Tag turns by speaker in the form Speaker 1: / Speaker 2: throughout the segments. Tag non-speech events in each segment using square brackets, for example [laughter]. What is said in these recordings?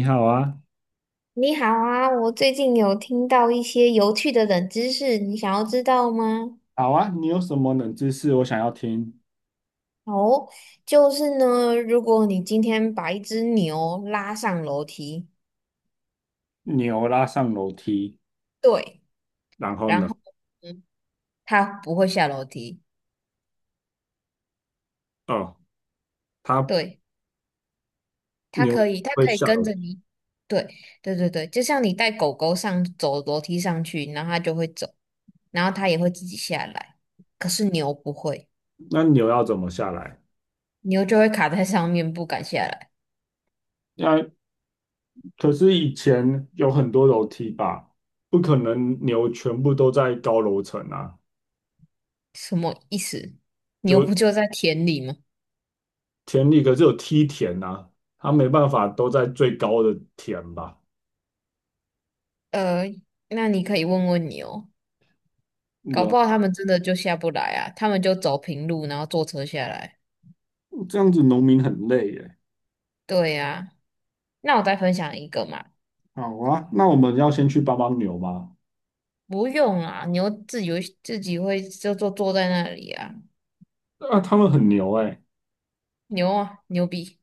Speaker 1: 你好啊，
Speaker 2: 你好啊，我最近有听到一些有趣的冷知识，你想要知道吗？
Speaker 1: 好啊，你有什么冷知识？我想要听。
Speaker 2: 哦，就是呢，如果你今天把一只牛拉上楼梯，
Speaker 1: 牛拉上楼梯，
Speaker 2: 对，
Speaker 1: 然后
Speaker 2: 然
Speaker 1: 呢？
Speaker 2: 后嗯，它不会下楼梯，
Speaker 1: 哦，它
Speaker 2: 对，它
Speaker 1: 牛
Speaker 2: 可以，它
Speaker 1: 会
Speaker 2: 可以
Speaker 1: 下
Speaker 2: 跟
Speaker 1: 楼
Speaker 2: 着
Speaker 1: 梯，
Speaker 2: 你，对，对对对，就像你带狗狗上走楼梯上去，然后它就会走，然后它也会自己下来，可是牛不会，
Speaker 1: 那牛要怎么下来？
Speaker 2: 牛就会卡在上面不敢下来。
Speaker 1: 那可是以前有很多楼梯吧，不可能牛全部都在高楼层啊，
Speaker 2: 什么意思？牛不
Speaker 1: 就
Speaker 2: 就在田里吗？
Speaker 1: 田里可是有梯田啊，它没办法都在最高的田吧？
Speaker 2: 呃，那你可以问问牛，搞
Speaker 1: 牛
Speaker 2: 不好他们真的就下不来啊，他们就走平路，然后坐车下来。
Speaker 1: 这样子农民很累耶。
Speaker 2: 对呀、那我再分享一个嘛，
Speaker 1: 好啊，那我们要先去帮帮牛吗？
Speaker 2: 不用啊，牛自己会就坐坐在那里啊，
Speaker 1: 啊，他们很牛哎。
Speaker 2: 牛啊，牛逼！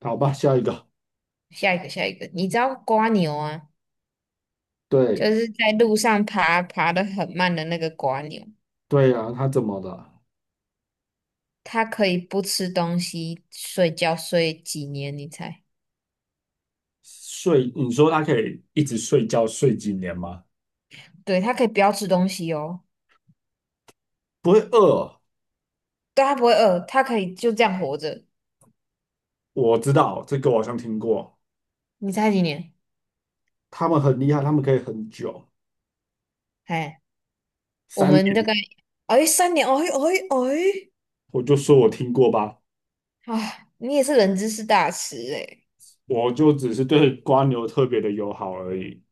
Speaker 1: 好吧，下一个。
Speaker 2: 下一个，你知道瓜牛啊，就
Speaker 1: 对
Speaker 2: 是在路上爬得很慢的那个瓜牛，
Speaker 1: 对呀、啊他怎么了？
Speaker 2: 它可以不吃东西睡觉睡几年？你猜？
Speaker 1: 睡，你说他可以一直睡觉睡几年吗？
Speaker 2: 对，它可以不要吃东西哦。
Speaker 1: 不会饿？
Speaker 2: 对，他不会饿，他可以就这样活着。
Speaker 1: 我知道这个，我好像听过。
Speaker 2: 你猜几年？
Speaker 1: 他们很厉害，他们可以很久，
Speaker 2: 哎，我
Speaker 1: 三
Speaker 2: 们大
Speaker 1: 年。
Speaker 2: 概哎3年，哎哎哎，
Speaker 1: 我就说我听过吧，
Speaker 2: 啊，你也是人知识大师哎。
Speaker 1: 我就只是对瓜牛特别的友好而已。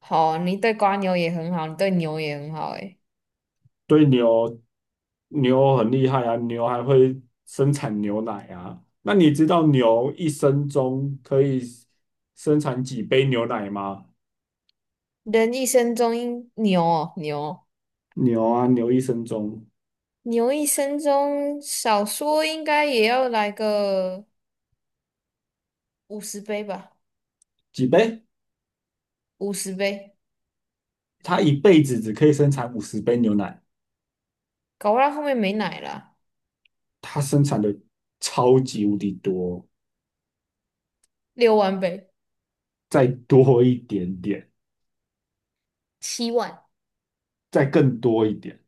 Speaker 2: 好，你对瓜牛也很好，你对牛也很好哎。
Speaker 1: 对牛，牛很厉害啊，牛还会生产牛奶啊。那你知道牛一生中可以生产几杯牛奶吗？
Speaker 2: 人一生中应牛哦牛
Speaker 1: 牛啊，牛一生中
Speaker 2: 牛一生中少说应该也要来个五十杯吧，
Speaker 1: 几杯？
Speaker 2: 五十杯，
Speaker 1: 它一辈子只可以生产50杯牛奶，
Speaker 2: 搞不到后面没奶了，
Speaker 1: 它生产的超级无敌多，
Speaker 2: 6万杯、
Speaker 1: 再多一点点，
Speaker 2: 7万，
Speaker 1: 再更多一点，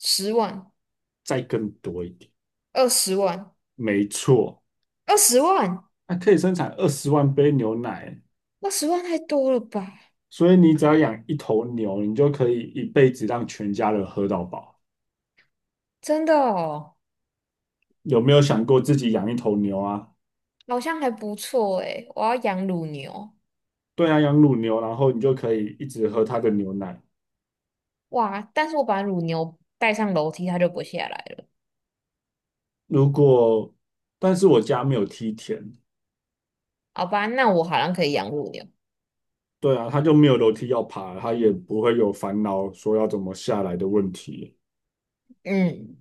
Speaker 2: 十万、
Speaker 1: 再更多一点，
Speaker 2: 二十万、
Speaker 1: 没错，
Speaker 2: 二十万。
Speaker 1: 它可以生产20万杯牛奶，
Speaker 2: 二十万太多了吧？
Speaker 1: 所以你只要养一头牛，你就可以一辈子让全家人喝到饱。
Speaker 2: 真的哦，
Speaker 1: 有没有想过自己养一头牛啊？
Speaker 2: 好像还不错诶。我要养乳牛，
Speaker 1: 对啊，养乳牛，然后你就可以一直喝它的牛奶。
Speaker 2: 哇！但是我把乳牛带上楼梯，它就不下来了。
Speaker 1: 如果，但是我家没有梯田，
Speaker 2: 好吧，那我好像可以养乳牛。
Speaker 1: 对啊，它就没有楼梯要爬，它也不会有烦恼说要怎么下来的问题。
Speaker 2: 嗯，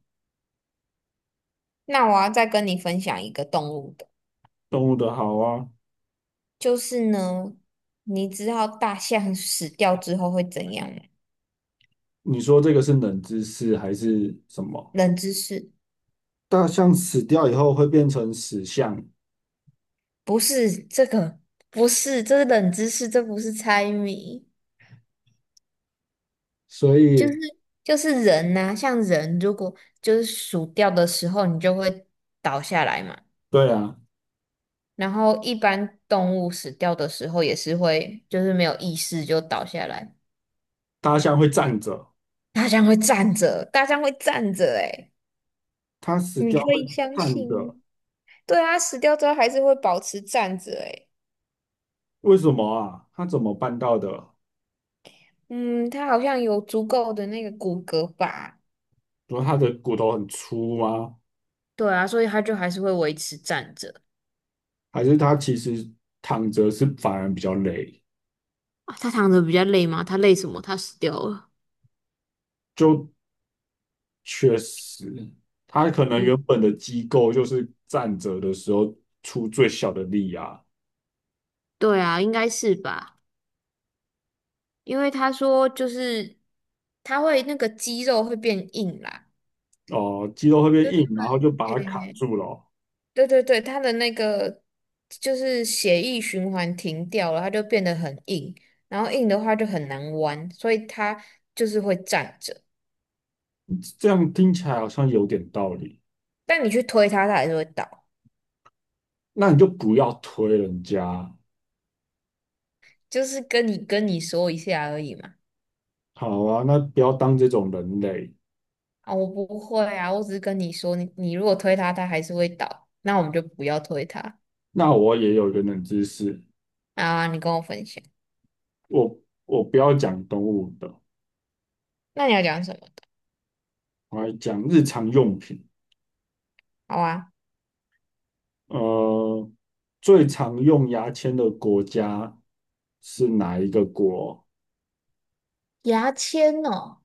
Speaker 2: 那我要再跟你分享一个动物的，
Speaker 1: 动物的好啊，
Speaker 2: 就是呢，你知道大象死掉之后会怎样吗？
Speaker 1: 你说这个是冷知识还是什么？
Speaker 2: 冷知识，
Speaker 1: 大象死掉以后会变成死象，
Speaker 2: 不是这个，不是，这是冷知识，这不是猜谜。
Speaker 1: 所
Speaker 2: 就是
Speaker 1: 以
Speaker 2: 就是人呐、像人如果就是死掉的时候，你就会倒下来嘛。
Speaker 1: 对啊，
Speaker 2: 然后一般动物死掉的时候也是会，就是没有意识就倒下来。
Speaker 1: 大象会站着，
Speaker 2: 大象会站着，大象会站着、欸，诶
Speaker 1: 它死
Speaker 2: 你
Speaker 1: 掉
Speaker 2: 可
Speaker 1: 会
Speaker 2: 以相
Speaker 1: 站
Speaker 2: 信吗？
Speaker 1: 着，
Speaker 2: 对啊，死掉之后还是会保持站着、欸，诶
Speaker 1: 为什么啊？它怎么办到的？
Speaker 2: 嗯，它好像有足够的那个骨骼吧？
Speaker 1: 说它的骨头很粗吗？
Speaker 2: 对啊，所以它就还是会维持站着。
Speaker 1: 还是它其实躺着是反而比较累？
Speaker 2: 啊，它躺着比较累吗？它累什么？它死掉了。
Speaker 1: 就确实，他可能
Speaker 2: 嗯，
Speaker 1: 原本的机构就是站着的时候出最小的力啊，
Speaker 2: 对啊，应该是吧。因为他说就是他会那个肌肉会变硬啦，
Speaker 1: 哦，肌肉会变
Speaker 2: 对
Speaker 1: 硬，然后就把它卡住了哦。
Speaker 2: 对对对对，他的那个就是血液循环停掉了，他就变得很硬，然后硬的话就很难弯，所以他就是会站着，
Speaker 1: 这样听起来好像有点道理。
Speaker 2: 但你去推他，他还是会倒，
Speaker 1: 那你就不要推人家，
Speaker 2: 就是跟你说一下而已嘛。
Speaker 1: 好啊，那不要当这种人类。
Speaker 2: 啊，我不会啊，我只是跟你说，你如果推他，他还是会倒，那我们就不要推他
Speaker 1: 那我也有一个冷知识，
Speaker 2: 啊。你跟我分享，
Speaker 1: 我我不要讲动物的，
Speaker 2: 那你要讲什么的？
Speaker 1: 我来讲日常用品。
Speaker 2: 好啊，
Speaker 1: 呃，最常用牙签的国家是哪一个国？
Speaker 2: 牙签哦。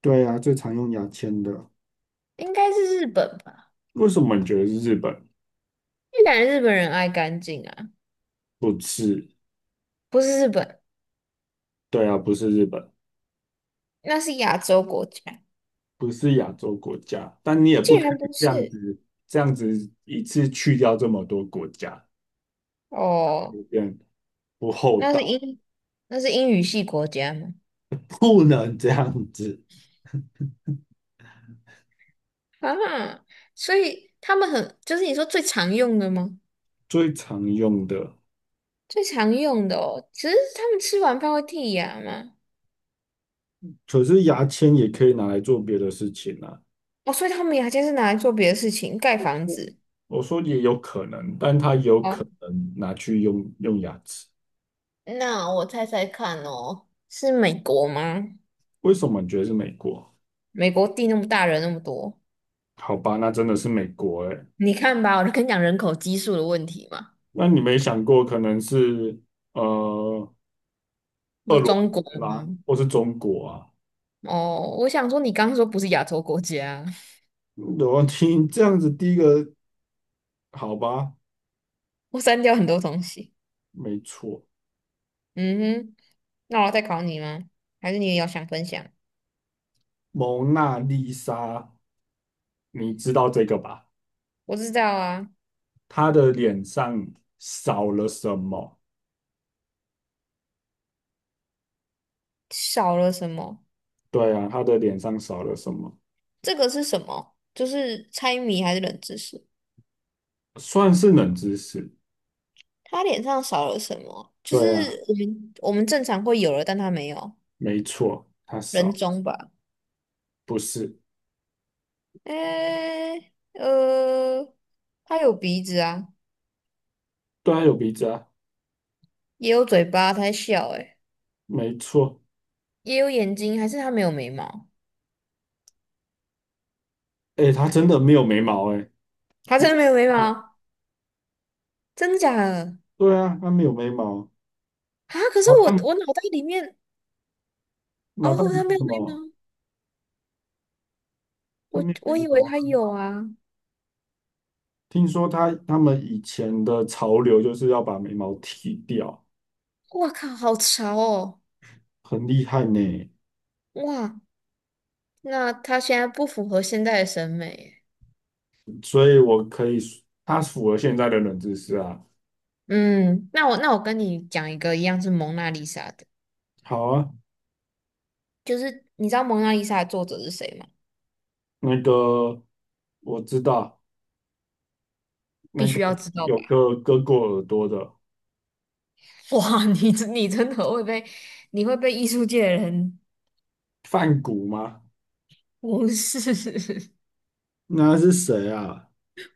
Speaker 1: 对啊，最常用牙签的。
Speaker 2: 应该是日本吧？
Speaker 1: 为什么你觉得是日本
Speaker 2: 越南日本人爱干净啊，
Speaker 1: 不是？
Speaker 2: 不是日本，
Speaker 1: 对啊，不是日本，
Speaker 2: 那是亚洲国家，
Speaker 1: 不是亚洲国家，但你也不
Speaker 2: 竟
Speaker 1: 可
Speaker 2: 然
Speaker 1: 以
Speaker 2: 不
Speaker 1: 这样
Speaker 2: 是
Speaker 1: 子，这样子一次去掉这么多国家，
Speaker 2: 哦，
Speaker 1: 有点不厚
Speaker 2: 那是
Speaker 1: 道，
Speaker 2: 英，那是英语系国家吗？
Speaker 1: 不能这样子。
Speaker 2: 啊，所以他们很，就是你说最常用的吗？
Speaker 1: 最常用的，
Speaker 2: 最常用的哦，只是他们吃完饭会剔牙吗？
Speaker 1: 可是牙签也可以拿来做别的事情啊。
Speaker 2: 哦，所以他们牙尖是拿来做别的事情，盖房子。
Speaker 1: 我说也有可能，但它有可
Speaker 2: 哦，
Speaker 1: 能拿去用用牙齿。
Speaker 2: 那我猜猜看哦，是美国吗？
Speaker 1: 为什么你觉得是美国？
Speaker 2: 美国地那么大，人那么多。
Speaker 1: 好吧，那真的是美国诶、
Speaker 2: 你看吧，我就跟你讲人口基数的问题嘛。
Speaker 1: 那你没想过可能是呃
Speaker 2: 你
Speaker 1: 俄
Speaker 2: 说
Speaker 1: 罗
Speaker 2: 中国
Speaker 1: 斯
Speaker 2: 吗？
Speaker 1: 吗，或是中国啊？
Speaker 2: 哦，我想说你刚刚说不是亚洲国家，
Speaker 1: 我听这样子，第一个好吧，
Speaker 2: [laughs] 我删掉很多东西。
Speaker 1: 没错，
Speaker 2: 嗯哼，那我要再考你吗？还是你也要想分享？
Speaker 1: 蒙娜丽莎，你知道这个吧？
Speaker 2: 我知道啊，
Speaker 1: 她的脸上少了什么？
Speaker 2: 少了什么？
Speaker 1: 对啊，她的脸上少了什么？
Speaker 2: 这个是什么？就是猜谜还是冷知识？
Speaker 1: 算是冷知识，
Speaker 2: 他脸上少了什么？就
Speaker 1: 对啊，
Speaker 2: 是我们正常会有的，但他没有
Speaker 1: 没错，她
Speaker 2: 人
Speaker 1: 少，
Speaker 2: 中吧？
Speaker 1: 不是，
Speaker 2: 诶，呃，他有鼻子啊，
Speaker 1: 对啊，有鼻子啊，
Speaker 2: 也有嘴巴，他在笑、欸，
Speaker 1: 没错，
Speaker 2: 也有眼睛，还是他没有眉毛？
Speaker 1: 哎，她真的没有眉毛，哎，
Speaker 2: 他
Speaker 1: 你
Speaker 2: 真的没有眉
Speaker 1: 看
Speaker 2: 毛？真的假的？
Speaker 1: 对啊，她没有眉毛。
Speaker 2: 啊！可是
Speaker 1: 哦，
Speaker 2: 我
Speaker 1: 他
Speaker 2: 我脑袋里面，
Speaker 1: 脑
Speaker 2: 哦，
Speaker 1: 袋有
Speaker 2: 他没有
Speaker 1: 什
Speaker 2: 眉
Speaker 1: 么？
Speaker 2: 毛，
Speaker 1: 他
Speaker 2: 我
Speaker 1: 没有
Speaker 2: 我
Speaker 1: 眉
Speaker 2: 以为
Speaker 1: 毛啊。
Speaker 2: 他有啊！
Speaker 1: 听说他们以前的潮流就是要把眉毛剃掉，
Speaker 2: 哇靠，好潮哦！
Speaker 1: 很厉害呢。
Speaker 2: 哇，那他现在不符合现代的审美耶
Speaker 1: 所以我可以说，他符合现在的冷知识啊。
Speaker 2: 嗯，那我跟你讲一个一样是蒙娜丽莎的，
Speaker 1: 好啊，
Speaker 2: 就是你知道蒙娜丽莎的作者是谁吗？
Speaker 1: 那个我知道，那
Speaker 2: 必须要
Speaker 1: 个
Speaker 2: 知道
Speaker 1: 有
Speaker 2: 吧？
Speaker 1: 个割过耳朵的
Speaker 2: [laughs] 哇，你真的会被你会被艺术界的人
Speaker 1: 梵谷吗？
Speaker 2: 无视 [laughs]
Speaker 1: 那是谁啊？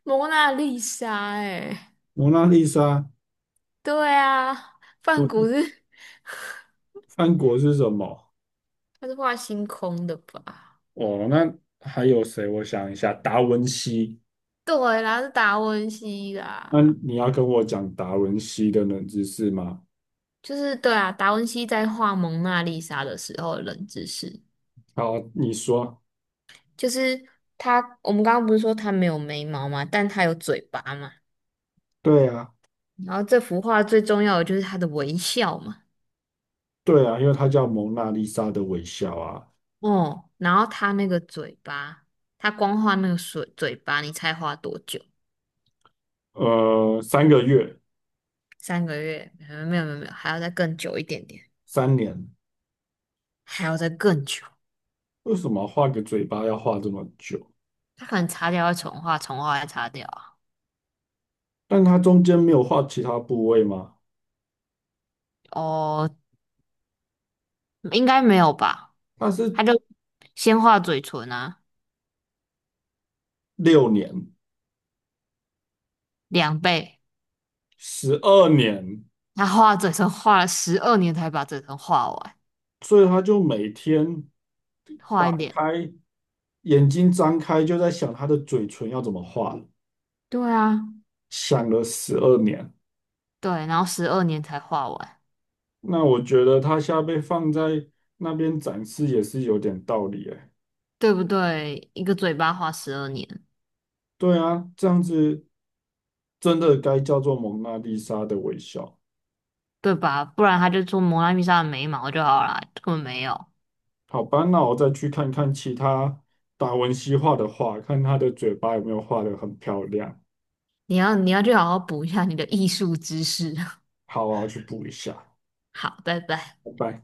Speaker 2: 蒙娜丽莎哎、
Speaker 1: 蒙娜丽莎
Speaker 2: 对啊，
Speaker 1: 不
Speaker 2: 梵谷
Speaker 1: 是
Speaker 2: 是
Speaker 1: 梵谷是什么？
Speaker 2: 他是画星空的吧？
Speaker 1: 哦，那还有谁？我想一下，达文西。
Speaker 2: 对啦，是达文西
Speaker 1: 那
Speaker 2: 啦，
Speaker 1: 你要跟我讲达文西的冷知识吗？
Speaker 2: 就是对啊，达文西在画蒙娜丽莎的时候的冷知识，
Speaker 1: 好，你说。
Speaker 2: 就是他，我们刚刚不是说他没有眉毛嘛，但他有嘴巴嘛，
Speaker 1: 对啊，
Speaker 2: 然后这幅画最重要的就是他的微笑嘛，
Speaker 1: 对啊，因为他叫蒙娜丽莎的微笑啊。
Speaker 2: 哦，然后他那个嘴巴，他光画那个水嘴巴，你猜画多久？
Speaker 1: 呃，3个月，
Speaker 2: 3个月？没有没有没有，还要再更久一点点，
Speaker 1: 三年，
Speaker 2: 还要再更久。
Speaker 1: 为什么画个嘴巴要画这么久？
Speaker 2: 他可能擦掉会重画，重画再擦掉啊。
Speaker 1: 但他中间没有画其他部位吗？
Speaker 2: 哦，应该没有吧？
Speaker 1: 他
Speaker 2: 他
Speaker 1: 是
Speaker 2: 就先画嘴唇啊，
Speaker 1: 6年，
Speaker 2: 两倍。
Speaker 1: 十二年，
Speaker 2: 他画嘴唇画了十二年才把嘴唇画完，
Speaker 1: 所以他就每天
Speaker 2: 画
Speaker 1: 打
Speaker 2: 一点。
Speaker 1: 开眼睛张开，就在想他的嘴唇要怎么画，
Speaker 2: 对啊，
Speaker 1: 想了十二年。
Speaker 2: 对，然后十二年才画完，
Speaker 1: 那我觉得他现在被放在那边展示也是有点道理哎。
Speaker 2: 对不对？一个嘴巴画十二年，
Speaker 1: 对啊，这样子真的该叫做蒙娜丽莎的微笑。
Speaker 2: 对吧？不然他就做蒙娜丽莎的眉毛就好了，根本没有。
Speaker 1: 好吧，那我再去看看其他达文西画的画，看他的嘴巴有没有画的很漂亮。
Speaker 2: 你要去好好补一下你的艺术知识。[laughs]
Speaker 1: 好啊，我去补一下。
Speaker 2: 好，拜拜。
Speaker 1: 拜拜。